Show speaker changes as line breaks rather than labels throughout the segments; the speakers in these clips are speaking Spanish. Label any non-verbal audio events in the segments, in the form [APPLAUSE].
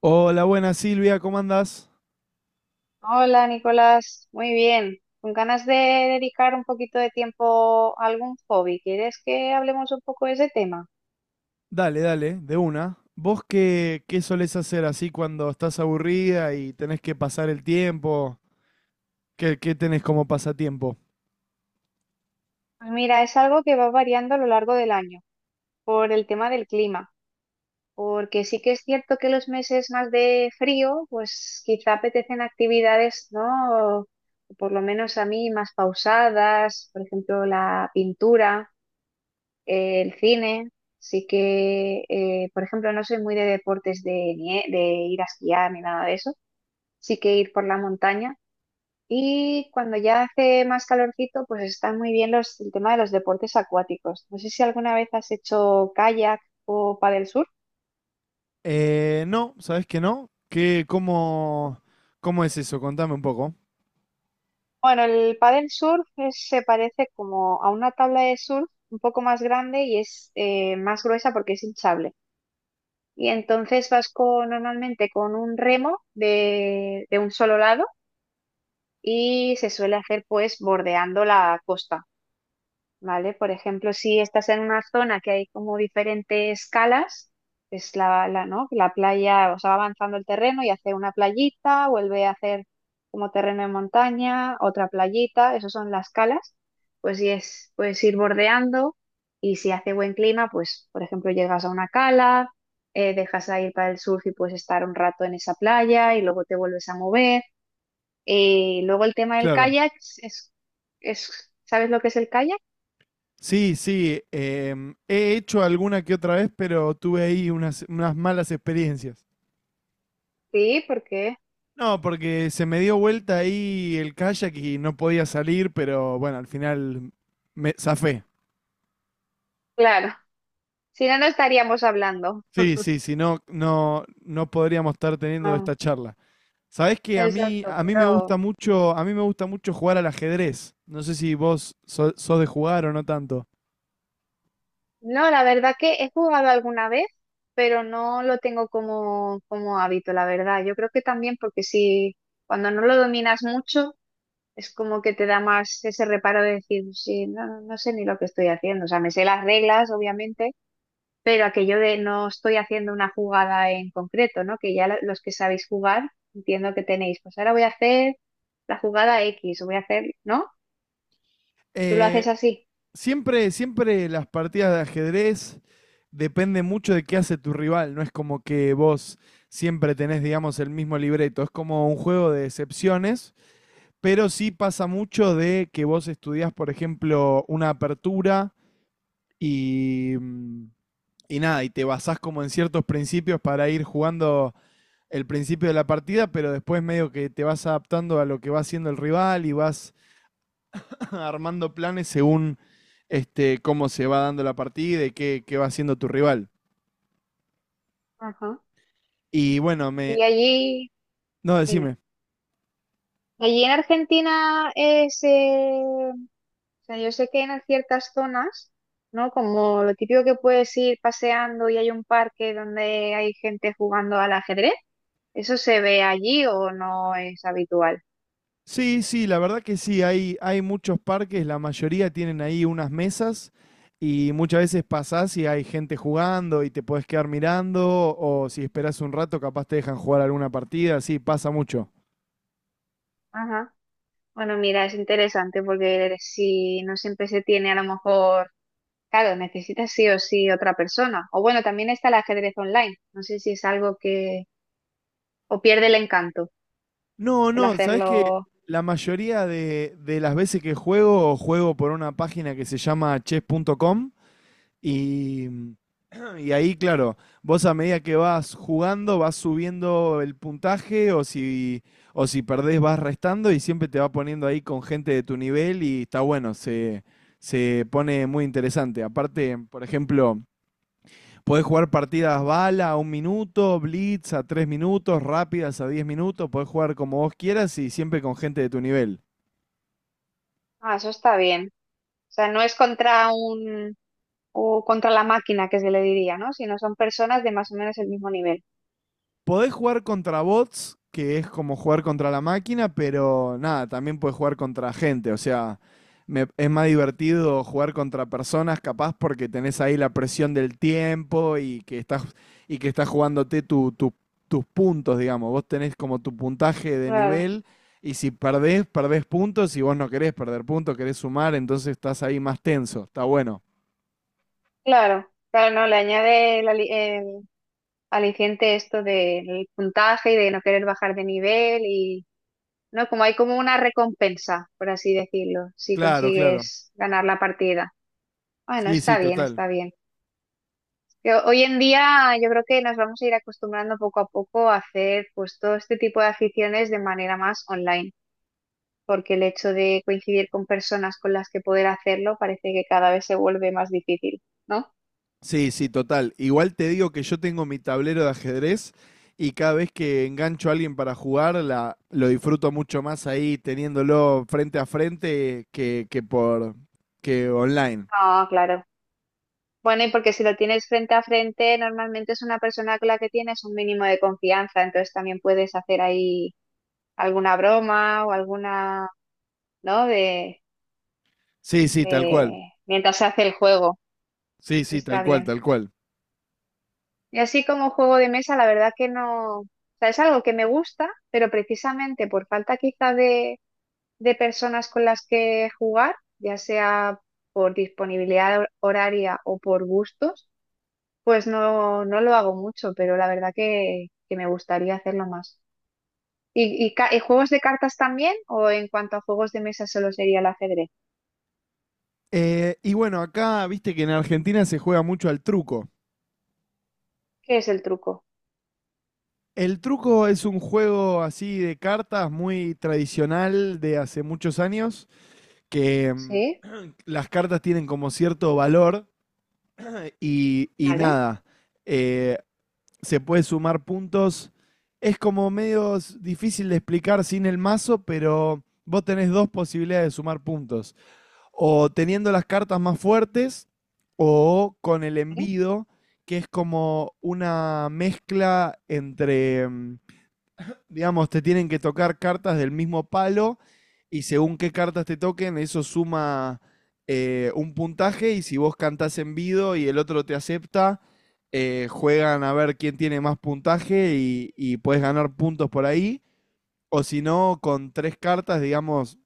Hola, buenas Silvia, ¿cómo andás?
Hola Nicolás, muy bien. Con ganas de dedicar un poquito de tiempo a algún hobby. ¿Quieres que hablemos un poco de ese tema?
Dale, dale, de una. ¿Vos qué solés hacer así cuando estás aburrida y tenés que pasar el tiempo? ¿Qué tenés como pasatiempo?
Pues mira, es algo que va variando a lo largo del año por el tema del clima, porque sí que es cierto que los meses más de frío, pues quizá apetecen actividades, ¿no? O por lo menos a mí más pausadas, por ejemplo, la pintura. El cine. Sí que, por ejemplo, no soy muy de deportes de, de ir a esquiar ni nada de eso. Sí que ir por la montaña. Y cuando ya hace más calorcito, pues están muy bien el tema de los deportes acuáticos. No sé si alguna vez has hecho kayak o paddle surf.
No, ¿sabés que no? ¿Qué, cómo es eso? Contame un poco.
Bueno, el paddle surf se parece como a una tabla de surf un poco más grande y es más gruesa porque es hinchable. Y entonces vas con, normalmente con un remo de un solo lado y se suele hacer pues bordeando la costa, ¿vale? Por ejemplo, si estás en una zona que hay como diferentes calas, es la, ¿no? La playa, o sea, va avanzando el terreno y hace una playita, vuelve a hacer como terreno de montaña, otra playita, esas son las calas, pues sí es, puedes ir bordeando y si hace buen clima, pues por ejemplo llegas a una cala, dejas a ir para el surf y puedes estar un rato en esa playa y luego te vuelves a mover. Luego el tema del
Claro.
kayak es. ¿Sabes lo que es el kayak?
Sí, sí, he hecho alguna que otra vez, pero tuve ahí unas malas experiencias.
Sí, porque,
No, porque se me dio vuelta ahí el kayak y no podía salir, pero bueno, al final me zafé.
claro, si no, no estaríamos hablando.
Sí, sí, si no, no podríamos estar teniendo
No,
esta charla. Sabés que
exacto,
a mí me gusta
pero
mucho, a mí me gusta mucho jugar al ajedrez. No sé si vos sos de jugar o no tanto.
no, la verdad que he jugado alguna vez, pero no lo tengo como hábito, la verdad. Yo creo que también porque si cuando no lo dominas mucho, es como que te da más ese reparo de decir, sí, no, no sé ni lo que estoy haciendo. O sea, me sé las reglas, obviamente, pero aquello de no estoy haciendo una jugada en concreto, ¿no? Que ya los que sabéis jugar, entiendo que tenéis, pues ahora voy a hacer la jugada X, o voy a hacer, ¿no? Tú lo
Eh,
haces así.
siempre las partidas de ajedrez depende mucho de qué hace tu rival. No es como que vos siempre tenés, digamos, el mismo libreto. Es como un juego de excepciones, pero sí pasa mucho de que vos estudiás, por ejemplo, una apertura y mm, y nada, y te basás como en ciertos principios para ir jugando el principio de la partida, pero después medio que te vas adaptando a lo que va haciendo el rival y vas [LAUGHS] armando planes según cómo se va dando la partida y qué va haciendo tu rival.
Ajá.
Y bueno, me...
Y allí,
No,
dime,
decime.
allí en Argentina es, o sea, yo sé que en ciertas zonas, ¿no? Como lo típico que puedes ir paseando y hay un parque donde hay gente jugando al ajedrez, ¿eso se ve allí o no es habitual?
Sí, sí, la verdad que sí, hay muchos parques, la mayoría tienen ahí unas mesas y muchas veces pasás y hay gente jugando y te podés quedar mirando o si esperás un rato capaz te dejan jugar alguna partida, sí, pasa mucho.
Bueno, mira, es interesante porque si no siempre se tiene a lo mejor, claro, necesitas sí o sí otra persona. O bueno, también está el ajedrez online. No sé si es algo que, o pierde el encanto
No,
el
no, sabes que
hacerlo.
la mayoría de las veces que juego, juego por una página que se llama chess.com y, mm, y ahí, claro, vos a medida que vas jugando vas subiendo el puntaje o si perdés vas restando y siempre te va poniendo ahí con gente de tu nivel y está bueno, se pone muy interesante. Aparte, por ejemplo, podés jugar partidas bala a 1 minuto, blitz a 3 minutos, rápidas a 10 minutos, podés jugar como vos quieras y siempre con gente de tu nivel.
Ah, eso está bien. O sea, no es contra un, o contra la máquina que se le diría, ¿no? Sino son personas de más o menos el mismo nivel.
Podés jugar contra bots, que es como jugar contra la máquina, pero nada, también podés jugar contra gente. O sea, es más divertido jugar contra personas, capaz, porque tenés ahí la presión del tiempo y que estás, jugándote tus puntos, digamos. Vos tenés como tu puntaje de
Claro,
nivel. Y si perdés, perdés puntos. Si vos no querés perder puntos, querés sumar, entonces estás ahí más tenso. Está bueno.
claro. Claro, no, le añade el aliciente esto del puntaje y de no querer bajar de nivel y ¿no? Como hay como una recompensa, por así decirlo, si
Claro, claro.
consigues ganar la partida. Bueno,
Sí,
está
sí,
bien,
total.
está bien. Hoy en día yo creo que nos vamos a ir acostumbrando poco a poco a hacer pues todo este tipo de aficiones de manera más online, porque el hecho de coincidir con personas con las que poder hacerlo parece que cada vez se vuelve más difícil, ¿no?
Sí, sí, total. Igual te digo que yo tengo mi tablero de ajedrez y cada vez que engancho a alguien para jugar, lo disfruto mucho más ahí teniéndolo frente a frente que por que online.
Ah, claro. Bueno, y porque si lo tienes frente a frente, normalmente es una persona con la que tienes un mínimo de confianza, entonces también puedes hacer ahí alguna broma o alguna, ¿no?
Sí, sí, tal cual.
De mientras se hace el juego.
Sí, sí, tal
Está
cual,
bien.
tal cual.
Y así como juego de mesa, la verdad que no. O sea, es algo que me gusta, pero precisamente por falta quizá de personas con las que jugar, ya sea por disponibilidad horaria o por gustos, pues no, no lo hago mucho, pero la verdad que me gustaría hacerlo más. ¿Y juegos de cartas también? ¿O en cuanto a juegos de mesa solo sería el ajedrez?
Y bueno, acá viste que en Argentina se juega mucho al truco.
¿Qué es el truco?
El truco es un juego así de cartas muy tradicional de hace muchos años, que
¿Sí?
las cartas tienen como cierto valor. Y
¿Vale?
nada, eh, se puede sumar puntos. Es como medio difícil de explicar sin el mazo, pero vos tenés dos posibilidades de sumar puntos. O teniendo las cartas más fuertes o con el
¿Sí?
envido, que es como una mezcla entre digamos, te tienen que tocar cartas del mismo palo y según qué cartas te toquen, eso suma un puntaje y si vos cantás en vivo y el otro te acepta, juegan a ver quién tiene más puntaje y puedes ganar puntos por ahí. O si no, con tres cartas, digamos,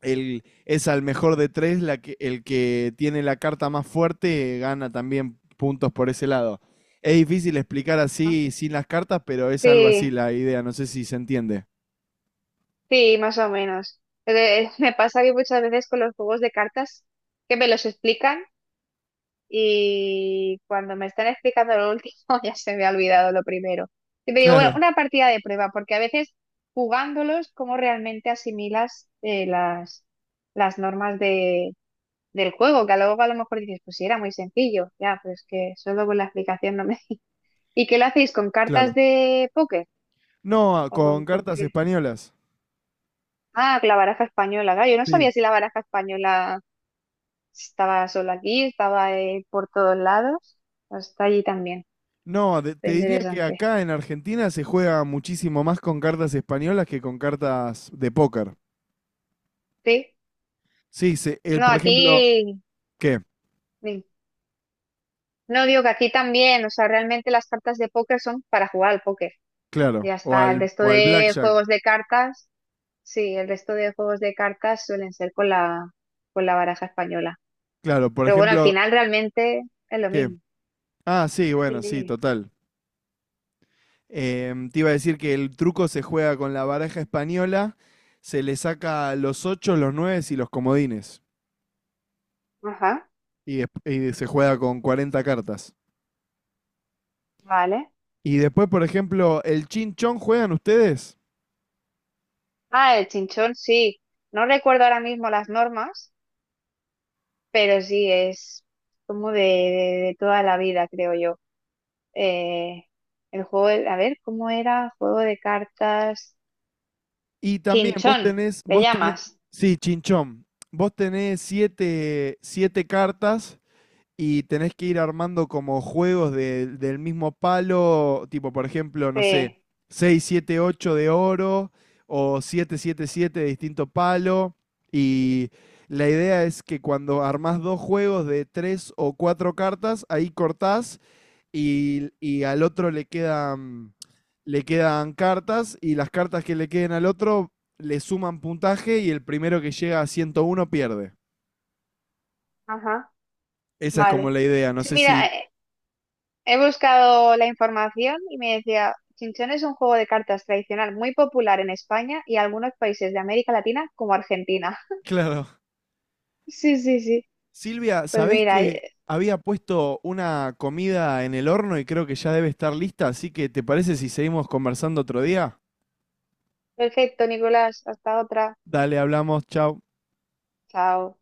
es al mejor de tres, el que tiene la carta más fuerte gana también puntos por ese lado. Es difícil explicar así sin las cartas, pero es algo
Sí,
así la idea, no sé si se entiende.
sí, más o menos. Pero, me pasa que muchas veces con los juegos de cartas que me los explican y cuando me están explicando lo último [LAUGHS] ya se me ha olvidado lo primero. Y me digo, bueno,
Claro,
una partida de prueba, porque a veces jugándolos, ¿cómo realmente asimilas las normas del juego? Que luego a lo mejor dices, pues sí, era muy sencillo, ya, pero es que solo con la explicación no me... [LAUGHS] ¿Y qué lo hacéis con cartas
claro.
de póker?
No,
¿O con,
con
con
cartas
qué...?
españolas.
Ah, la baraja española, claro. Yo no
Sí.
sabía si la baraja española estaba solo aquí, estaba por todos lados. Está allí también.
No,
Está
te diría que
interesante.
acá en Argentina se juega muchísimo más con cartas españolas que con cartas de póker.
Sí.
Sí,
No,
por ejemplo,
aquí.
¿qué?
Sí. No digo que aquí también. O sea, realmente las cartas de póker son para jugar al póker.
Claro,
Ya
o
está. El
al,
resto
o al
de
blackjack.
juegos de cartas. Sí, el resto de juegos de cartas suelen ser con la, baraja española.
Claro, por
Pero bueno, al
ejemplo,
final realmente es lo
¿qué?
mismo.
Ah, sí,
Dime,
bueno, sí,
dime.
total. Te iba a decir que el truco se juega con la baraja española, se le saca los ocho, los nueve y los comodines.
Ajá.
Y, desp- y se juega con 40 cartas.
Vale.
Y después, por ejemplo, el chinchón juegan ustedes.
Ah, el chinchón, sí. No recuerdo ahora mismo las normas, pero sí es como de, de toda la vida, creo yo. Eh, el juego, a ver, ¿cómo era? Juego de cartas.
Y también vos
Chinchón,
tenés,
¿le
vos tenés,
llamas?
sí, chinchón. Vos tenés siete cartas y tenés que ir armando como juegos del mismo palo, tipo, por ejemplo, no sé,
Sí,
6 7 8 de oro o 7 7 7 de distinto palo. Y la idea es que cuando armás dos juegos de tres o cuatro cartas, ahí cortás y al otro le quedan cartas y las cartas que le queden al otro le suman puntaje y el primero que llega a 101 pierde.
ajá,
Esa es como
vale.
la idea, no
Sí,
sé
mira,
si... [LAUGHS]
he buscado la información y me decía, Chinchón es un juego de cartas tradicional muy popular en España y algunos países de América Latina como Argentina. [LAUGHS]
Claro.
Sí, sí, sí.
Silvia,
Pues
¿sabés
mira,
que había puesto una comida en el horno y creo que ya debe estar lista? Así que, ¿te parece si seguimos conversando otro día?
perfecto, Nicolás, hasta otra.
Dale, hablamos, chao.
Chao.